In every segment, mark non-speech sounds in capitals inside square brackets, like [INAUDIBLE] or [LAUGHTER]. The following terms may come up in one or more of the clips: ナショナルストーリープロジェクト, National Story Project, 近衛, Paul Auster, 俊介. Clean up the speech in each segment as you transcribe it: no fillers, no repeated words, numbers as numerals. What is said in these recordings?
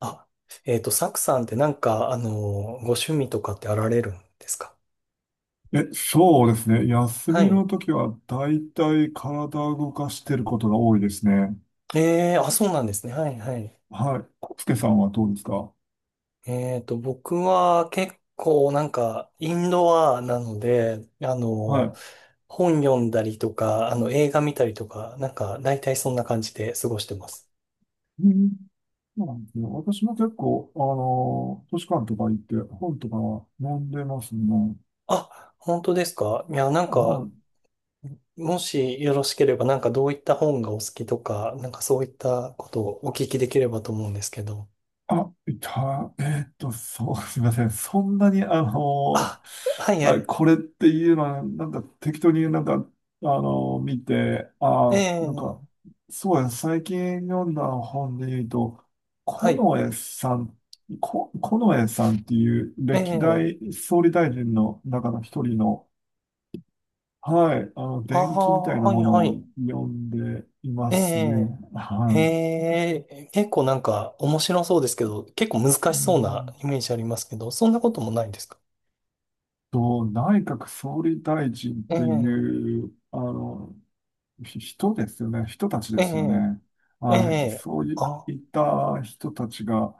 あ、サクさんってなんか、ご趣味とかってあられるんですか？え、そうですね。休はみい。の時は大体体を動かしてることが多いですね。ええ、あ、そうなんですね。はいはい。はい。コスケさんはどうですか？僕は結構なんか、インドアなので、はい。本読んだりとか、映画見たりとか、なんか、大体そんな感じで過ごしてます。うん、そうなんですよ。私も結構、あの図書館とか行って本とかは読んでますね。あ、本当ですか？いや、なんか、はい。もしよろしければ、なんかどういった本がお好きとか、なんかそういったことをお聞きできればと思うんですけど。あ、いた、えーっと、そう、[LAUGHS] すみません。そんなに、あの、あ、はいはあ、い。これっていうのは、なんか適当になんか、あの、見て、ええ。そうや、最近読んだ本で言うと、はい。近衛さん、近衛さんっていうえ歴え。代総理大臣の中の一人の、はい、あの、あ伝記みたいあ、なはいものはをい。読んでいますね。ええ。はい。へえ。結構なんか面白そうですけど、結構難うしそうなんイメージありますけど、そんなこともないんですか？内閣総理大臣っえてえ。いう、あの、人ですよね。人たちえですよえ。ね。えはい。え。そうあ、いった人たちが、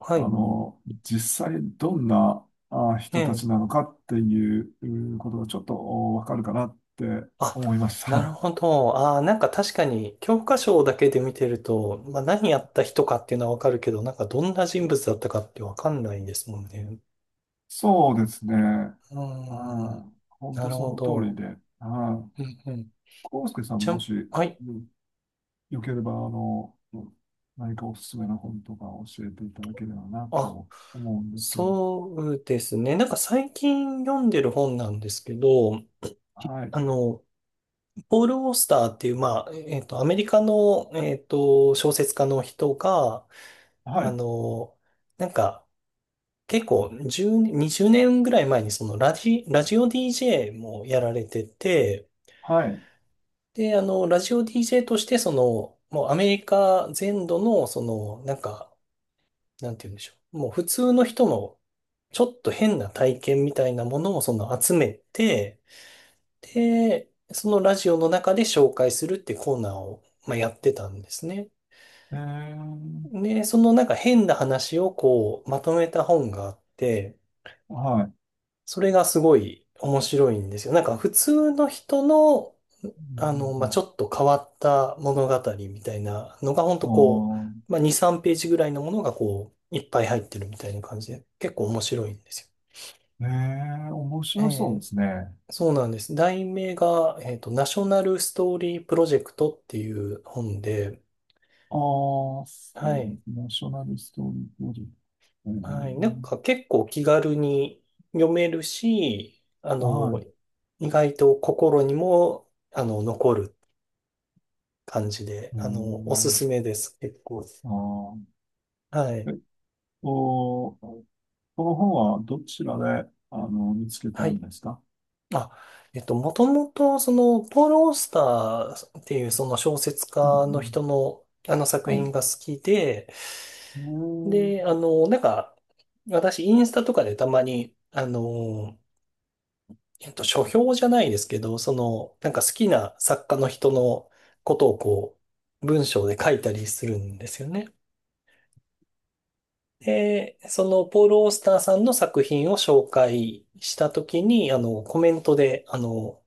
はあい。の、実際どんなあえ人たちなえ。のかっていううんことがちょっとわかるかなってあ、思いましなるた。ほど。ああ、なんか確かに教科書だけで見てると、まあ何やった人かっていうのはわかるけど、なんかどんな人物だったかってわかんないですもんね。[LAUGHS] そうですね。うーん。はい。本な当るそほの通りど。で。はい。うんうん。康介さんちゃもん、し、はい。うんよければ、あの、何かおすすめの本とか教えていただければなあ、と思うんですけど。そうですね。なんか最近読んでる本なんですけど、はい。あの、ポール・オースターっていう、まあ、アメリカの、小説家の人が、はあい。の、なんか、結構10、20年ぐらい前にそのラジオ DJ もやられてて、はい。で、ラジオ DJ としてその、もうアメリカ全土の、その、なんか、なんて言うんでしょう。もう普通の人のちょっと変な体験みたいなものをその集めて、で、そのラジオの中で紹介するってコーナーを、まあ、やってたんですね。えー、で、そのなんか変な話をこうまとめた本があって、はい。うんそれがすごい面白いんですよ。なんか普通の人の、うんうまあ、んちょっと変わった物語みたいなのが本当あこう、まあ、2、3ページぐらいのものがこう、いっぱい入ってるみたいな感じで、結構面白いんですー、えー、面よ。白そうですね。そうなんです。題名が、ナショナルストーリープロジェクトっていう本で、ああ、そうはでい。すね。ナショナルストーリープロジェクト。はい。なんえか結構気軽に読めるし、ー、はい。意外と心にも、残る感じで、えおすー、すめです。結構。あー、はえい。っと、この本はどちらで、あの、見つけたはんい。ですか？あ、もともと、その、ポール・オースターっていうその小説う家のん人の、あの作うん。はい。品が好きで、えー、で、なんか、私、インスタとかでたまに、書評じゃないですけど、その、なんか好きな作家の人のことをこう、文章で書いたりするんですよね。で、その、ポール・オースターさんの作品を紹介したときに、コメントで、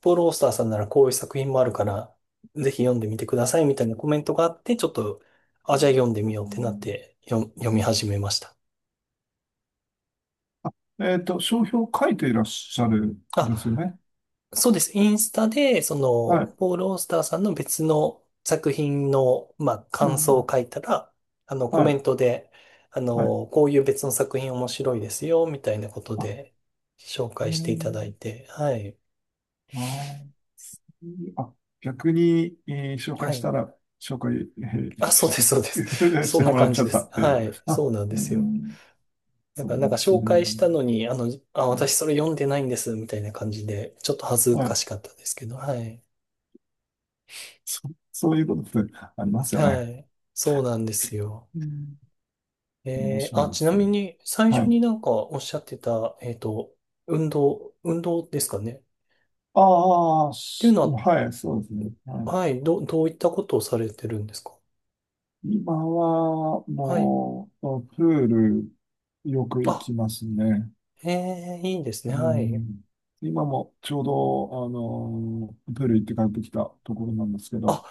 ポール・オースターさんならこういう作品もあるから、ぜひ読んでみてくださいみたいなコメントがあって、ちょっと、あ、じゃあ読んでみようってなって、読み始めました。えっと、商標を書いていらっしゃるんですよあ、ね。そうです。インスタで、そはの、い。ポール・オースターさんの別の作品の、まあ、う感んう想をん。書いたら、コはメい。ントで、はい。こういう別の作品面白いですよ、みたいなことあ、で、紹え介していただー、いて、はい。あー、そういうあ、逆に、えー紹介はしい。たら、紹介、えあ、ーそうしでて、す、そうです。[LAUGHS] しそんてなもらっ感ちじゃでったす。っていはう。い。あ、そうなんでうすよ。ん、だそから、うななんかんですね。紹介したのに、あ、う私ん、それ読んでないんです、みたいな感じで、ちょっと恥ずはかい。しかったですけど、はい。そ、そういうことってありますよはね。い。そうなんですよ。うん。面白あ、いでちなすね。みに、最は初い。になんかおっしゃってた、運動、運動ですかね？っああ、ていうしのはい、そうですね。はは、い、はい、どういったことをされてるんですか？今は、はい。もう、プール、よく行あ、きますね。いいですうね。はい。ん。今もちょうど、あのープール行って帰ってきたところなんですけあ、ど、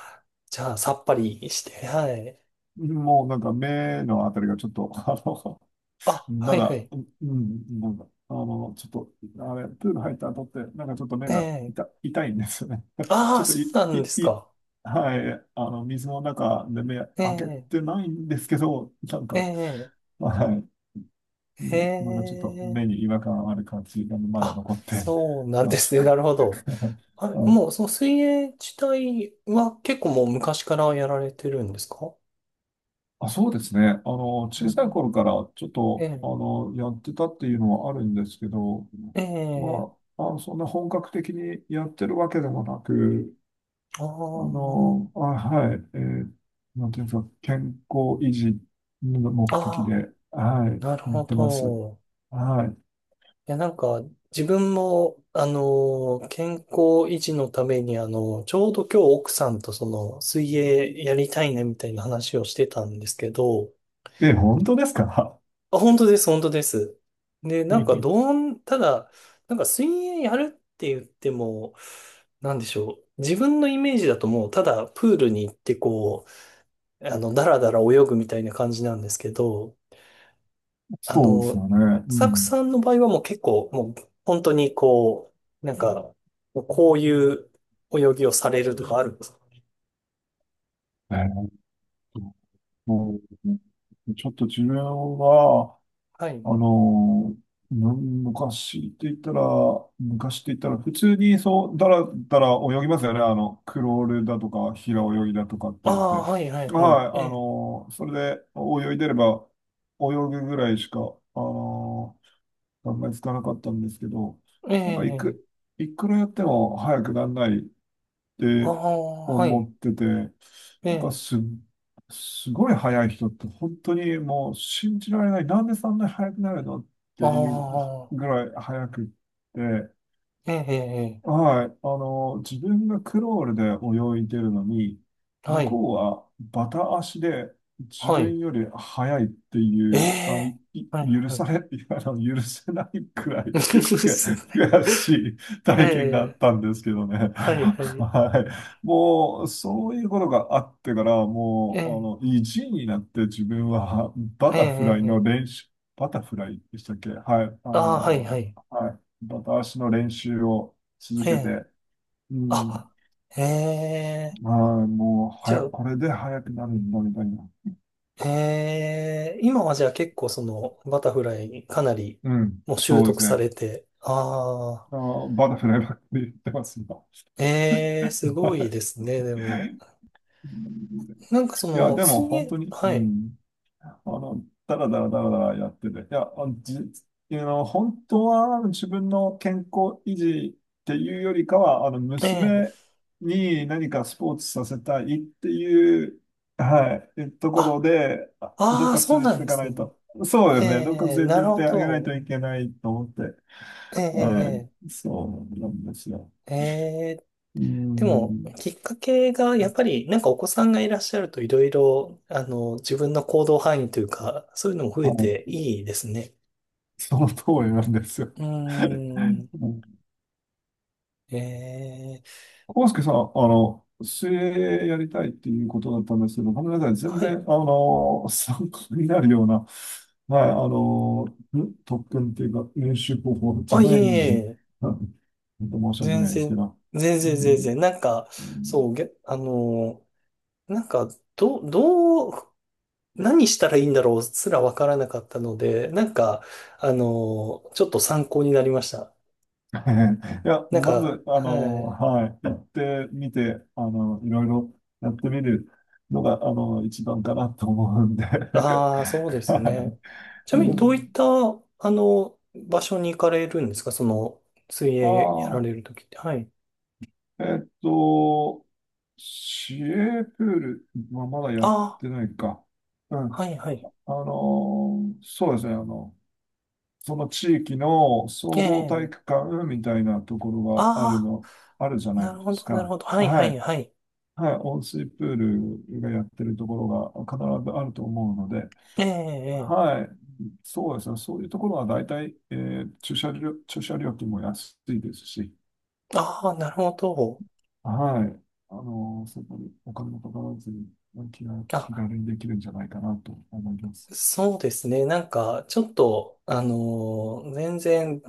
じゃあ、さっぱりして、はい。もうなんか目のあたりがちょっと、[LAUGHS] あの、あ、はまいはだ、い。うん、うん、なんか、あの、ちょっと、あれ、プール入った後って、なんかちょっと目えがえ。痛、痛いんですよね。[LAUGHS] あちょあ、っとい、そうない、んですい、か？はい、あの、水の中で目え開けてえ。ないんですけど、なんか、ええ。はい、うえん、まだちょっと目え。に違和感ある感じがまだあ、残って そう [LAUGHS] なんまです。すね。なるほど。あ [LAUGHS] れ、うもん、う、その水泳自体は結構もう昔からやられてるんですか？あ、そうですね。あの、う小さいん。頃からちょっえと、あえ、の、やってたっていうのはあるんですけど、ええ、まあ、あの、そんな本格的にやってるわけでもなく、ああ。あはい、えー、なんていうんですか、健康維持の目的あ、で、はなるい、やほってます。ど。はいや、なんか、自分も、健康維持のために、ちょうど今日奥さんとその、水泳やりたいね、みたいな話をしてたんですけど、い。え、本当ですか？ あ、本当です、本当です。で、なんか、[LAUGHS] ただ、なんか、水泳やるって言っても、なんでしょう。自分のイメージだともう、ただ、プールに行って、こう、だらだら泳ぐみたいな感じなんですけど、あそうですの、よね。うサクん。さんの場合はもう結構、もう本当にこう、なんか、もうこういう泳ぎをされるとかあるんですか？えー、うん、ちょっと自分は、はい。あの、昔って言ったら、昔って言ったら、普通にそう、だらだら泳ぎますよね。あの、クロールだとか、平泳ぎだとかってあ言って。あ、はい、はい、はい。はい、あええ、の、それで泳いでれば、泳ぐぐらいしか、あの、考えつかなかったんですけど、えなんかいえ、く、いくらやっても早くならないっあてあ、は思い。ってて、えなんかえ、す、すごい速い人って本当にもう信じられない。なんでそんなに速くなるのってあいうあ、ぐらい速くって、ええ、ええ、はい。あの、自分がクロールで泳いでるのに、は向い、こうはバタ足で自はい。分より速いってえいう、あの、え、いはい、許はさい。れ、[LAUGHS] あの、許せないくら [LAUGHS] いですよね。悔しいえ体験があっえ、たんですけどね。はい、はい。はい。もう、そういうことがあってから、えもう、あえ、の、意地になって自分はバええ、タフライえのえ、練習、バタフライでしたっけ？はい。あああ、はい、はの、い。はい。バタ足の練習を続えけえ、て、うん、あ、ええ、ああ、もうじはゃや、あ、これで速くなるんだ、みたいな。ええ、今はじゃあ結構そのバタフライかなりうん、もう習そうで得すさね。れて、ああ、あー、バタフライばっかり言ってます、今。ええ、すごいですね、でも。うん、なんかそいや、の、でも水本泳、当に、うはい、ん、あの、だらだらだらだらやってて、あの、本当はあの自分の健康維持っていうよりかは、あの、え娘え、に何かスポーツさせたいっていう、はい、とこあ、ろで、あ、どっああ、かそう連れなんていでかなすいね。と。そうでえすね、どっかえ、連なれるてってほあげないとど。いけないと思って、えはえ、い、そうなんですよ。ええ、ええ。うでも、ん、きっかけがやっぱりなんかお子さんがいらっしゃるといろいろ、自分の行動範囲というか、そういうのも増はえてい、いいですね。その通りなんですよ。うー [LAUGHS] ん、ええ、康介さん、あの、水泳やりたいっていうことだったんですけど、ごめんなさい。全は然、い。あの、[LAUGHS] 参考になるような、はい、あの、特訓っていうか、練習方法じあ、ゃいえないいんで、え、あ、本当申し訳全ないですけ然、ど。全う然全ん然。なんか、うん。 そう、なんか、ど、どう、何したらいいんだろうすらわからなかったので、なんか、ちょっと参考になりました。[LAUGHS] いや、なんまか、ず、あはの、い。はい、行ってみて、あの、いろいろやってみるのが、あの、一番かなと思うんで。ああ、そうで [LAUGHS] すはね。い。ちなうみに、どういっん、た、場所に行かれるんですか？その、水あ泳やられあ、るときって。はい。えっと、市営プールはまだやっああ、てないか。うん。はい、はい。あの、そうですね。あの、その地域のえ総合体え、育館みたいなところがあるああ、の、あるじゃなないるでほすど、なるか。ほど。はい、ははい、い。はい。はい。温水プールがやってるところが必ずあると思うので、ええ、ええ。はい。そうですね。そういうところは大体、えー、駐車料金も安いですし、ああ、なるほど。はい。あの、そこにお金もかからずに、気あ、軽にできるんじゃないかなと思います。そうですね。なんか、ちょっと、全然、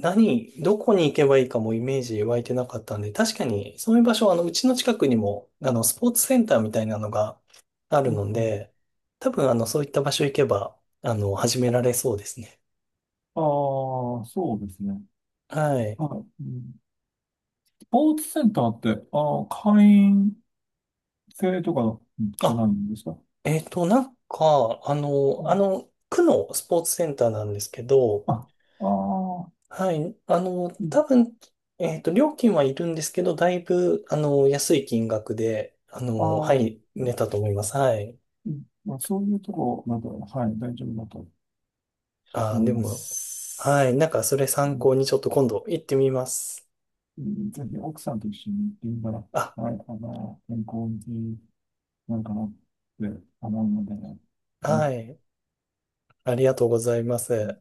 どこに行けばいいかもイメージ湧いてなかったんで、確かに、そういう場所、うちの近くにも、スポーツセンターみたいなのがあうるんのうん、で、多分、そういった場所行けば、始められそうですね。ああ、そうですね。はい。はい。うん、スポーツセンターって、ああ、会員制とかじゃないあ、んですか？なんか、うん、区のスポーツセンターなんですけど、あ、ああ、はい。うん、多分、料金はいるんですけど、だいぶ、安い金額で、あはあ、い、う寝んたと思います。はい。うん、まあ、そういうところなど、はい、大丈夫だと思いでまも、はい。す。なんか、それう参ん、考にちょっと今度行ってみます。うん、ぜひ奥さんと一緒に現場、あ、はい、あの、健康になんかなって思うので、あの、はい。ありがとうございます。